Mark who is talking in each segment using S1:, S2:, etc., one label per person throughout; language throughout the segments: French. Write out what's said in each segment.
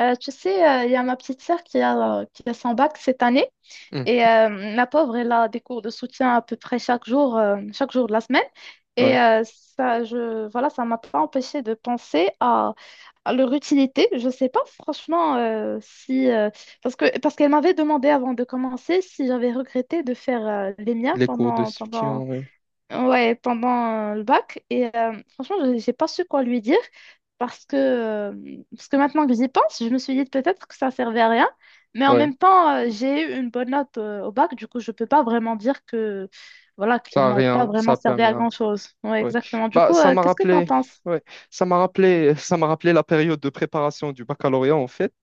S1: Il y a ma petite sœur qui a son bac cette année.
S2: Hmm,
S1: La pauvre, elle a des cours de soutien à peu près chaque jour de la semaine.
S2: ouais,
S1: Ça m'a pas empêché de penser à leur utilité. Je sais pas franchement si... parce que, parce qu'elle m'avait demandé avant de commencer si j'avais regretté de faire les miens
S2: les cours de
S1: pendant,
S2: soutien,
S1: pendant
S2: ouais,
S1: ouais, pendant le bac. Franchement, j'ai pas su quoi lui dire parce que maintenant que j'y pense, je me suis dit peut-être que ça servait à rien. Mais en
S2: ouais,
S1: même temps, j'ai eu une bonne note au bac, du coup, je peux pas vraiment dire que, voilà, qu'ils
S2: ça a
S1: m'ont pas
S2: rien, ça
S1: vraiment
S2: a
S1: servi
S2: permis,
S1: à
S2: hein,
S1: grand-chose. Ouais,
S2: ouais.
S1: exactement. Du
S2: Bah,
S1: coup,
S2: ça m'a
S1: qu'est-ce que t'en
S2: rappelé,
S1: penses?
S2: ouais, ça m'a rappelé, ça m'a rappelé la période de préparation du baccalauréat en fait.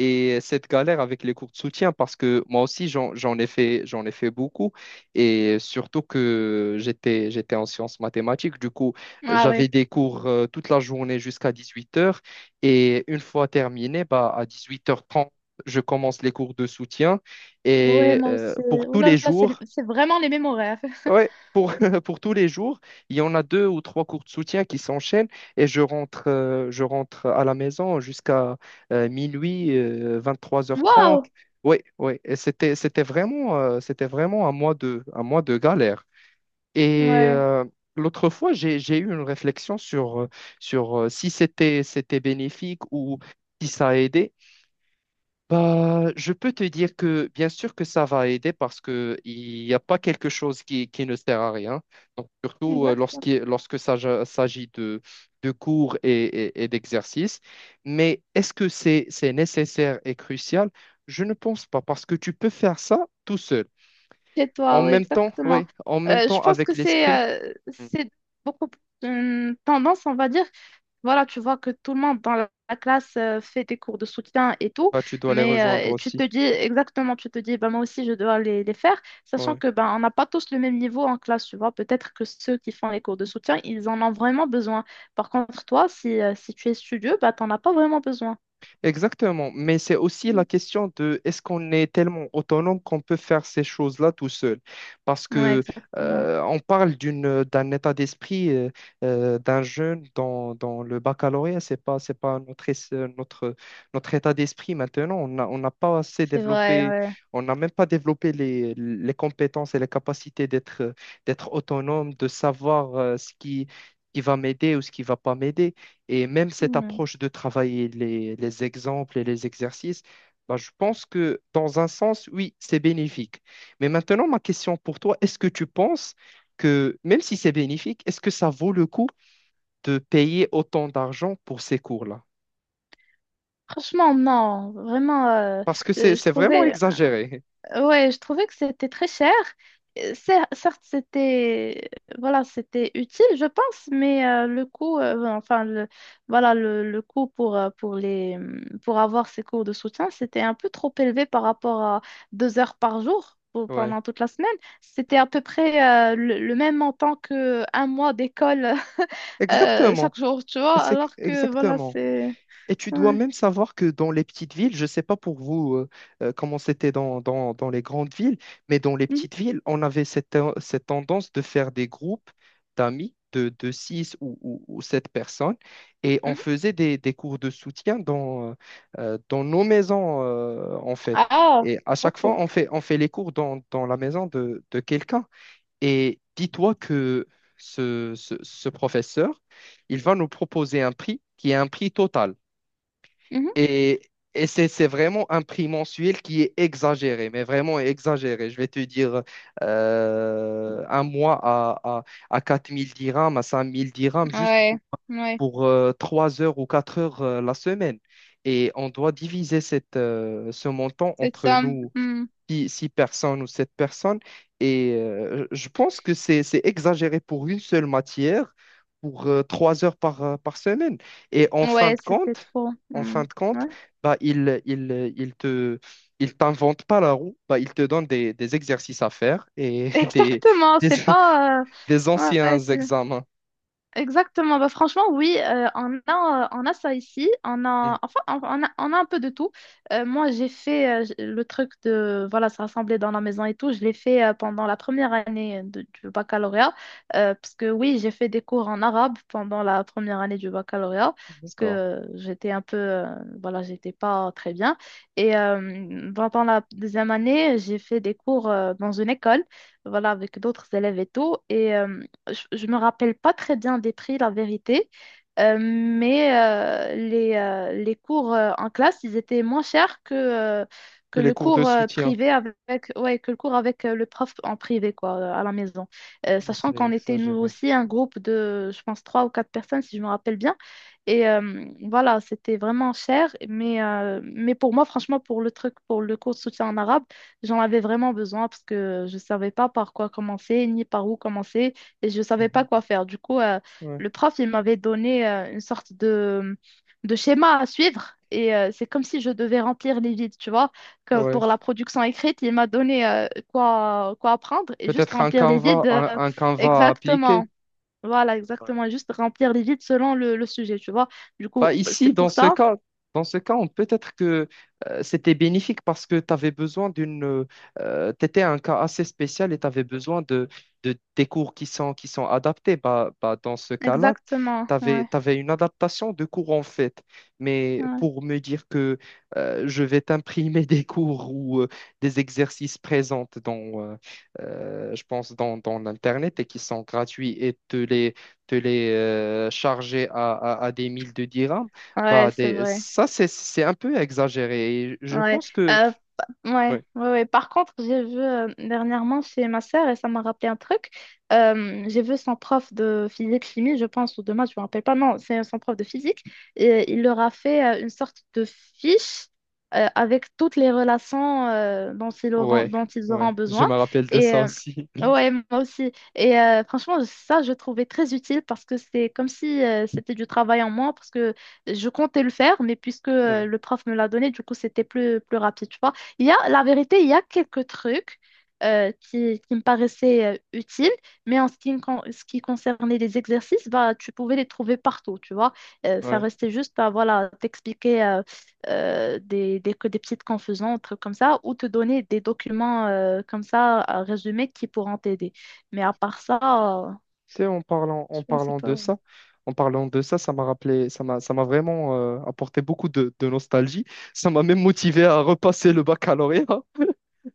S2: Et cette galère avec les cours de soutien, parce que moi aussi, j'en ai fait, j'en ai fait beaucoup. Et surtout que j'étais en sciences mathématiques. Du coup,
S1: Ah
S2: j'avais
S1: ouais.
S2: des cours toute la journée jusqu'à 18 heures. Et une fois terminé, bah, à 18h30, je commence les cours de soutien.
S1: Ouais,
S2: Et
S1: moi aussi.
S2: pour
S1: Ouh
S2: tous les
S1: là là, c'est
S2: jours.
S1: c'est vraiment les mêmes horaires.
S2: Ouais, pour, pour tous les jours, il y en a deux ou trois cours de soutien qui s'enchaînent et je rentre à la maison jusqu'à minuit, trois heures
S1: Waouh!
S2: trente. Ouais, ouais, et c'était vraiment, c'était vraiment un mois de galère. Et
S1: Ouais,
S2: l'autre fois, j'ai eu une réflexion sur, sur si c'était bénéfique ou si ça a aidé. Bah, je peux te dire que bien sûr que ça va aider parce que il n'y a pas quelque chose qui ne sert à rien. Donc, surtout
S1: exact.
S2: lorsqu'il s'agit de cours et, et d'exercices. Mais est-ce que c'est nécessaire et crucial? Je ne pense pas parce que tu peux faire ça tout seul.
S1: Chez
S2: En
S1: toi, oui,
S2: même temps,
S1: exactement.
S2: oui, en même
S1: Je
S2: temps
S1: pense
S2: avec
S1: que
S2: l'esprit. Mm.
S1: c'est beaucoup plus une tendance, on va dire. Voilà, tu vois que tout le monde dans la classe fait des cours de soutien et tout,
S2: Bah, tu dois les rejoindre
S1: mais tu te
S2: aussi.
S1: dis exactement, tu te dis, bah, moi aussi, je dois les faire, sachant
S2: Ouais.
S1: que ben on n'a pas tous le même niveau en classe, tu vois. Peut-être que ceux qui font les cours de soutien, ils en ont vraiment besoin. Par contre, toi, si tu es studieux, bah, tu n'en as pas vraiment besoin.
S2: Exactement, mais c'est aussi la
S1: Mm.
S2: question de est-ce qu'on est tellement autonome qu'on peut faire ces choses-là tout seul? Parce
S1: Ouais,
S2: que
S1: exactement.
S2: on parle d'un état d'esprit d'un jeune dans le baccalauréat, c'est pas notre notre état d'esprit maintenant. On n'a pas assez
S1: C'est vrai,
S2: développé,
S1: ouais.
S2: on n'a même pas développé les compétences et les capacités d'être autonome, de savoir ce qui va m'aider ou ce qui va pas m'aider. Et même cette
S1: Mmh.
S2: approche de travailler les exemples et les exercices, bah, je pense que dans un sens, oui, c'est bénéfique. Mais maintenant, ma question pour toi, est-ce que tu penses que, même si c'est bénéfique, est-ce que ça vaut le coup de payer autant d'argent pour ces cours-là?
S1: Franchement, non,
S2: Parce que
S1: euh, je
S2: c'est vraiment
S1: trouvais,
S2: exagéré.
S1: ouais, je trouvais que c'était très cher. Certes, c'était utile, je pense, mais le coût, enfin, le, voilà, le coût pour pour avoir ces cours de soutien, c'était un peu trop élevé par rapport à deux heures par jour
S2: Ouais.
S1: pendant toute la semaine. C'était à peu près le même montant que un mois d'école chaque
S2: Exactement.
S1: jour, tu vois,
S2: C'est
S1: alors que, voilà,
S2: exactement.
S1: c'est,
S2: Et tu dois
S1: ouais.
S2: même savoir que dans les petites villes, je ne sais pas pour vous, comment c'était dans les grandes villes, mais dans les
S1: Mhm.
S2: petites villes, on avait cette tendance de faire des groupes d'amis de 6 ou 7 personnes et on faisait des cours de soutien dans nos maisons en fait.
S1: Ah,
S2: Et à chaque
S1: ok.
S2: fois, on fait les cours dans la maison de quelqu'un. Et dis-toi que ce professeur, il va nous proposer un prix qui est un prix total.
S1: Mhm.
S2: Et, et c'est vraiment un prix mensuel qui est exagéré, mais vraiment exagéré. Je vais te dire un mois à 4 000 dirhams, à 5 000 dirhams, juste
S1: Ouais, ouais,
S2: pour, 3 heures ou 4 heures la semaine. Et on doit diviser ce montant
S1: c'est
S2: entre
S1: ça.
S2: nous
S1: Hmm.
S2: six personnes ou sept personnes. Et je pense que c'est exagéré pour une seule matière, pour 3 heures par semaine. Et
S1: Ouais, c'était trop.
S2: en
S1: Hmm.
S2: fin de compte,
S1: Ouais.
S2: bah, il t'invente pas la roue, bah, il te donne des exercices à faire et
S1: Exactement,
S2: des,
S1: c'est pas.
S2: des anciens
S1: Ouais,
S2: examens.
S1: exactement. Bah, franchement, oui, on a ça ici. On a,
S2: Mhm.
S1: enfin, on a un peu de tout. Moi, j'ai fait le truc de voilà, se rassembler dans la maison et tout. Je l'ai fait pendant la première du baccalauréat. Parce que oui, j'ai fait des cours en arabe pendant la première année du baccalauréat. Parce que
S2: D'accord.
S1: euh, j'étais un peu, voilà, j'étais pas très bien. Pendant la deuxième année, j'ai fait des cours dans une école, voilà, avec d'autres élèves et tout. Je ne me rappelle pas très bien des prix, la vérité, les cours en classe, ils étaient moins chers que
S2: Que les
S1: le
S2: cours de
S1: cours
S2: soutien.
S1: privé avec, ouais, que le cours avec le prof en privé, quoi, à la maison.
S2: Ah,
S1: Sachant
S2: c'est
S1: qu'on était nous
S2: exagéré.
S1: aussi un groupe de, je pense, trois ou quatre personnes, si je me rappelle bien. C'était vraiment cher, mais pour moi, franchement, pour le truc, pour le cours de soutien en arabe, j'en avais vraiment besoin parce que je ne savais pas par quoi commencer, ni par où commencer et je savais pas
S2: Mhm.
S1: quoi faire. Du coup,
S2: Ouais.
S1: le prof, il m'avait donné une sorte de schéma à suivre. C'est comme si je devais remplir les vides, tu vois. Que
S2: Ouais.
S1: pour la production écrite, il m'a donné quoi, quoi apprendre et juste
S2: Peut-être un
S1: remplir les vides
S2: Canva, un Canva à appliquer.
S1: exactement. Voilà, exactement. Juste remplir les vides selon le sujet, tu vois. Du coup,
S2: Bah
S1: c'est
S2: ici,
S1: pour ça.
S2: dans ce cas, peut-être que c'était bénéfique parce que tu avais besoin d'une, tu étais un cas assez spécial et tu avais besoin des cours qui sont adaptés. Bah, dans ce cas-là,
S1: Exactement.
S2: tu
S1: Ouais,
S2: avais une adaptation de cours en fait. Mais
S1: ouais.
S2: pour me dire que je vais t'imprimer des cours ou des exercices présents dans, je pense, dans l'Internet et qui sont gratuits et te les charger à des mille de dirhams,
S1: Ouais,
S2: bah,
S1: c'est vrai.
S2: ça, c'est un peu exagéré. Et je
S1: Ouais,
S2: pense que...
S1: euh, ouais,
S2: Ouais,
S1: ouais, ouais. Par contre, j'ai vu dernièrement chez ma sœur, et ça m'a rappelé un truc, j'ai vu son prof de physique-chimie, je pense, ou de maths, je me rappelle pas, non, c'est son prof de physique, et il leur a fait une sorte de fiche avec toutes les relations
S2: ouais,
S1: dont ils
S2: ouais,
S1: auront
S2: je
S1: besoin.
S2: me rappelle de
S1: Et
S2: ça
S1: euh,
S2: aussi.
S1: ouais, moi aussi. Franchement, ça, je trouvais très utile parce que c'est comme si c'était du travail en moins, parce que je comptais le faire, mais puisque
S2: Ouais,
S1: le prof me l'a donné, du coup, plus rapide, tu vois. Il y a, la vérité, il y a quelques trucs qui me paraissaient utiles, mais en ce qui, me con- ce qui concernait les exercices, bah, tu pouvais les trouver partout, tu vois. Ça
S2: ouais.
S1: restait juste, bah, voilà, t'expliquer que des petites confusions, des trucs comme ça, ou te donner des documents comme ça, à résumer, qui pourront t'aider. Mais à part ça, euh,
S2: Tu sais,
S1: je pensais pas.
S2: en parlant de ça, ça m'a rappelé, ça m'a vraiment apporté beaucoup de nostalgie. Ça m'a même motivé à repasser le baccalauréat.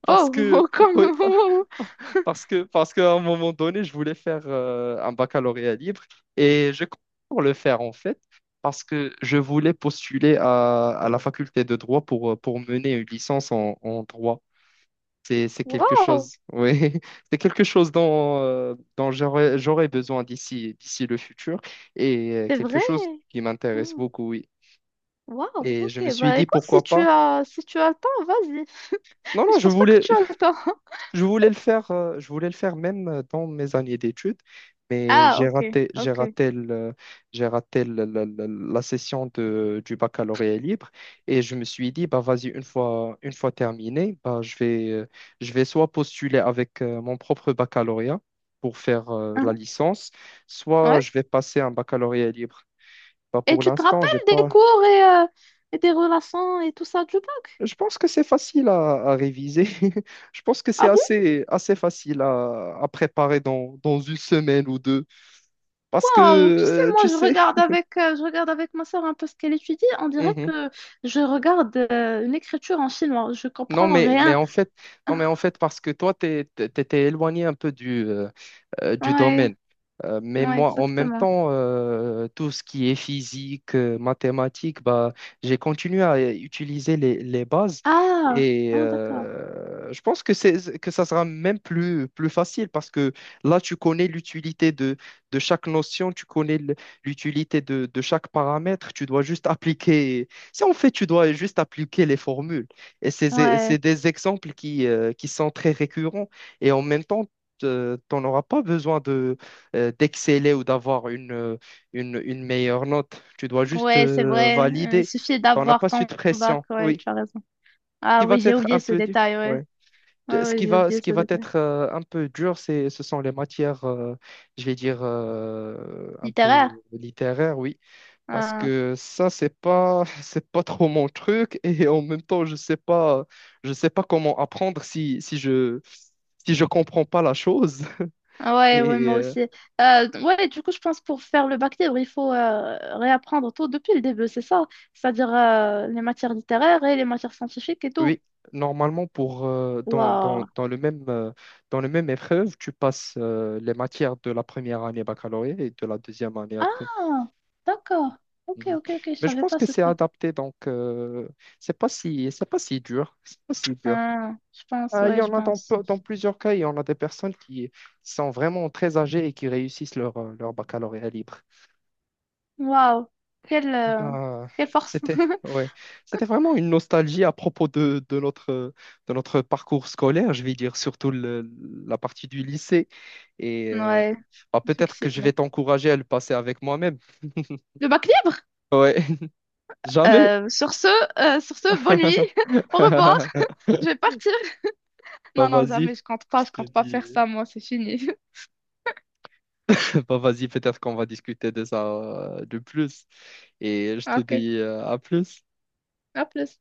S2: Parce que,
S1: Oh,
S2: ouais,
S1: comme
S2: par- parce qu'à un moment donné, je voulais faire un baccalauréat libre et je compte pour le faire en fait, parce que je voulais postuler à la faculté de droit pour mener une licence en droit. C'est quelque
S1: Wow,
S2: chose, oui, c'est quelque chose dont j'aurais besoin d'ici le futur et
S1: c'est
S2: quelque
S1: vrai.
S2: chose qui m'intéresse
S1: Hmm.
S2: beaucoup, oui.
S1: Waouh,
S2: Et je
S1: ok.
S2: me suis
S1: Bah
S2: dit
S1: écoute,
S2: pourquoi pas.
S1: si tu as le temps, vas-y.
S2: Non,
S1: Mais
S2: non,
S1: je pense pas que tu as le temps.
S2: je voulais le faire, même dans mes années d'études, mais
S1: Ah, ok,
S2: j'ai
S1: ok.
S2: raté la session du baccalauréat libre et je me suis dit, bah vas-y, une fois terminé, bah, je vais soit postuler avec mon propre baccalauréat pour faire la
S1: Hein,
S2: licence, soit
S1: ouais.
S2: je vais passer un baccalauréat libre. Bah,
S1: Et
S2: pour
S1: tu te
S2: l'instant, j'ai
S1: rappelles des
S2: pas.
S1: cours et des relations et tout ça du bac?
S2: Je pense que c'est facile à réviser. Je pense que c'est
S1: Ah bon,
S2: assez facile à préparer dans une semaine ou deux. Parce que,
S1: waouh. Tu sais, moi,
S2: tu sais.
S1: je regarde avec ma soeur un peu ce qu'elle étudie. On dirait
S2: Mhm.
S1: que je regarde une écriture en chinois. Je
S2: Non,
S1: comprends
S2: mais
S1: rien.
S2: en fait, non, mais en fait, parce que toi, tu étais éloigné un peu du
S1: Ouais,
S2: domaine. Mais
S1: ouais,
S2: moi, en même
S1: exactement.
S2: temps, tout ce qui est physique, mathématiques, bah, j'ai continué à utiliser les bases.
S1: Ah,
S2: Et
S1: ah, d'accord.
S2: je pense que que ça sera même plus facile parce que là, tu connais l'utilité de chaque notion, tu connais l'utilité de chaque paramètre, tu dois juste appliquer. Si en fait, tu dois juste appliquer les formules. Et c'est
S1: Ouais,
S2: des exemples qui sont très récurrents. Et en même temps, t'en auras pas besoin de d'exceller ou d'avoir une meilleure note. Tu dois juste
S1: ouais, c'est vrai. Il
S2: valider.
S1: suffit
S2: On n'a
S1: d'avoir
S2: pas
S1: ton
S2: cette
S1: bac.
S2: pression,
S1: Ouais,
S2: oui.
S1: tu as raison.
S2: Ce qui
S1: Ah
S2: va
S1: oui, j'ai
S2: être un
S1: oublié ce
S2: peu dur,
S1: détail,
S2: ouais.
S1: ouais. Ouais, ouais, j'ai oublié
S2: Ce qui
S1: ce
S2: va
S1: détail.
S2: être un peu dur, ce sont les matières, je vais dire, un
S1: Littéraire?
S2: peu littéraires, oui. Parce
S1: Ah,
S2: que ça, c'est pas, c'est pas trop mon truc. Et en même temps, je sais pas comment apprendre si je comprends pas la chose.
S1: ah ouais, ouais,
S2: Et
S1: moi aussi. Ouais, du coup, je pense pour faire le bac libre, il faut réapprendre tout depuis le début, c'est ça? C'est-à-dire les matières littéraires et les matières scientifiques et tout.
S2: oui, normalement pour
S1: Waouh.
S2: dans le même, dans le même épreuve, tu passes les matières de la première année baccalauréat et de la deuxième année
S1: Ah,
S2: après.
S1: d'accord. Ok,
S2: Mhm.
S1: ok, ok, je
S2: Mais je
S1: savais
S2: pense
S1: pas
S2: que
S1: ce
S2: c'est
S1: truc.
S2: adapté, donc c'est pas si dur, c'est pas si dur.
S1: Ah, je pense,
S2: Il y
S1: ouais, je
S2: en a
S1: pense.
S2: dans plusieurs cas, il y en a des personnes qui sont vraiment très âgées et qui réussissent leur leur baccalauréat libre.
S1: Waouh. Quelle, euh,
S2: Ah,
S1: quelle force.
S2: c'était ouais, c'était vraiment une nostalgie à propos de notre parcours scolaire, je vais dire surtout la partie du lycée et
S1: Ouais,
S2: bah, peut-être que je
S1: effectivement.
S2: vais t'encourager à le passer avec moi-même.
S1: Le bac libre?
S2: Ouais, jamais.
S1: Euh, sur ce, sur ce, bonne nuit. Au revoir. Je vais partir.
S2: Bah
S1: Non, non, jamais,
S2: vas-y, je
S1: je
S2: te
S1: compte pas
S2: dis.
S1: faire ça, moi, c'est fini.
S2: Bah vas-y, peut-être qu'on va discuter de ça de plus et je
S1: Ah,
S2: te
S1: ok,
S2: dis à plus.
S1: à plus.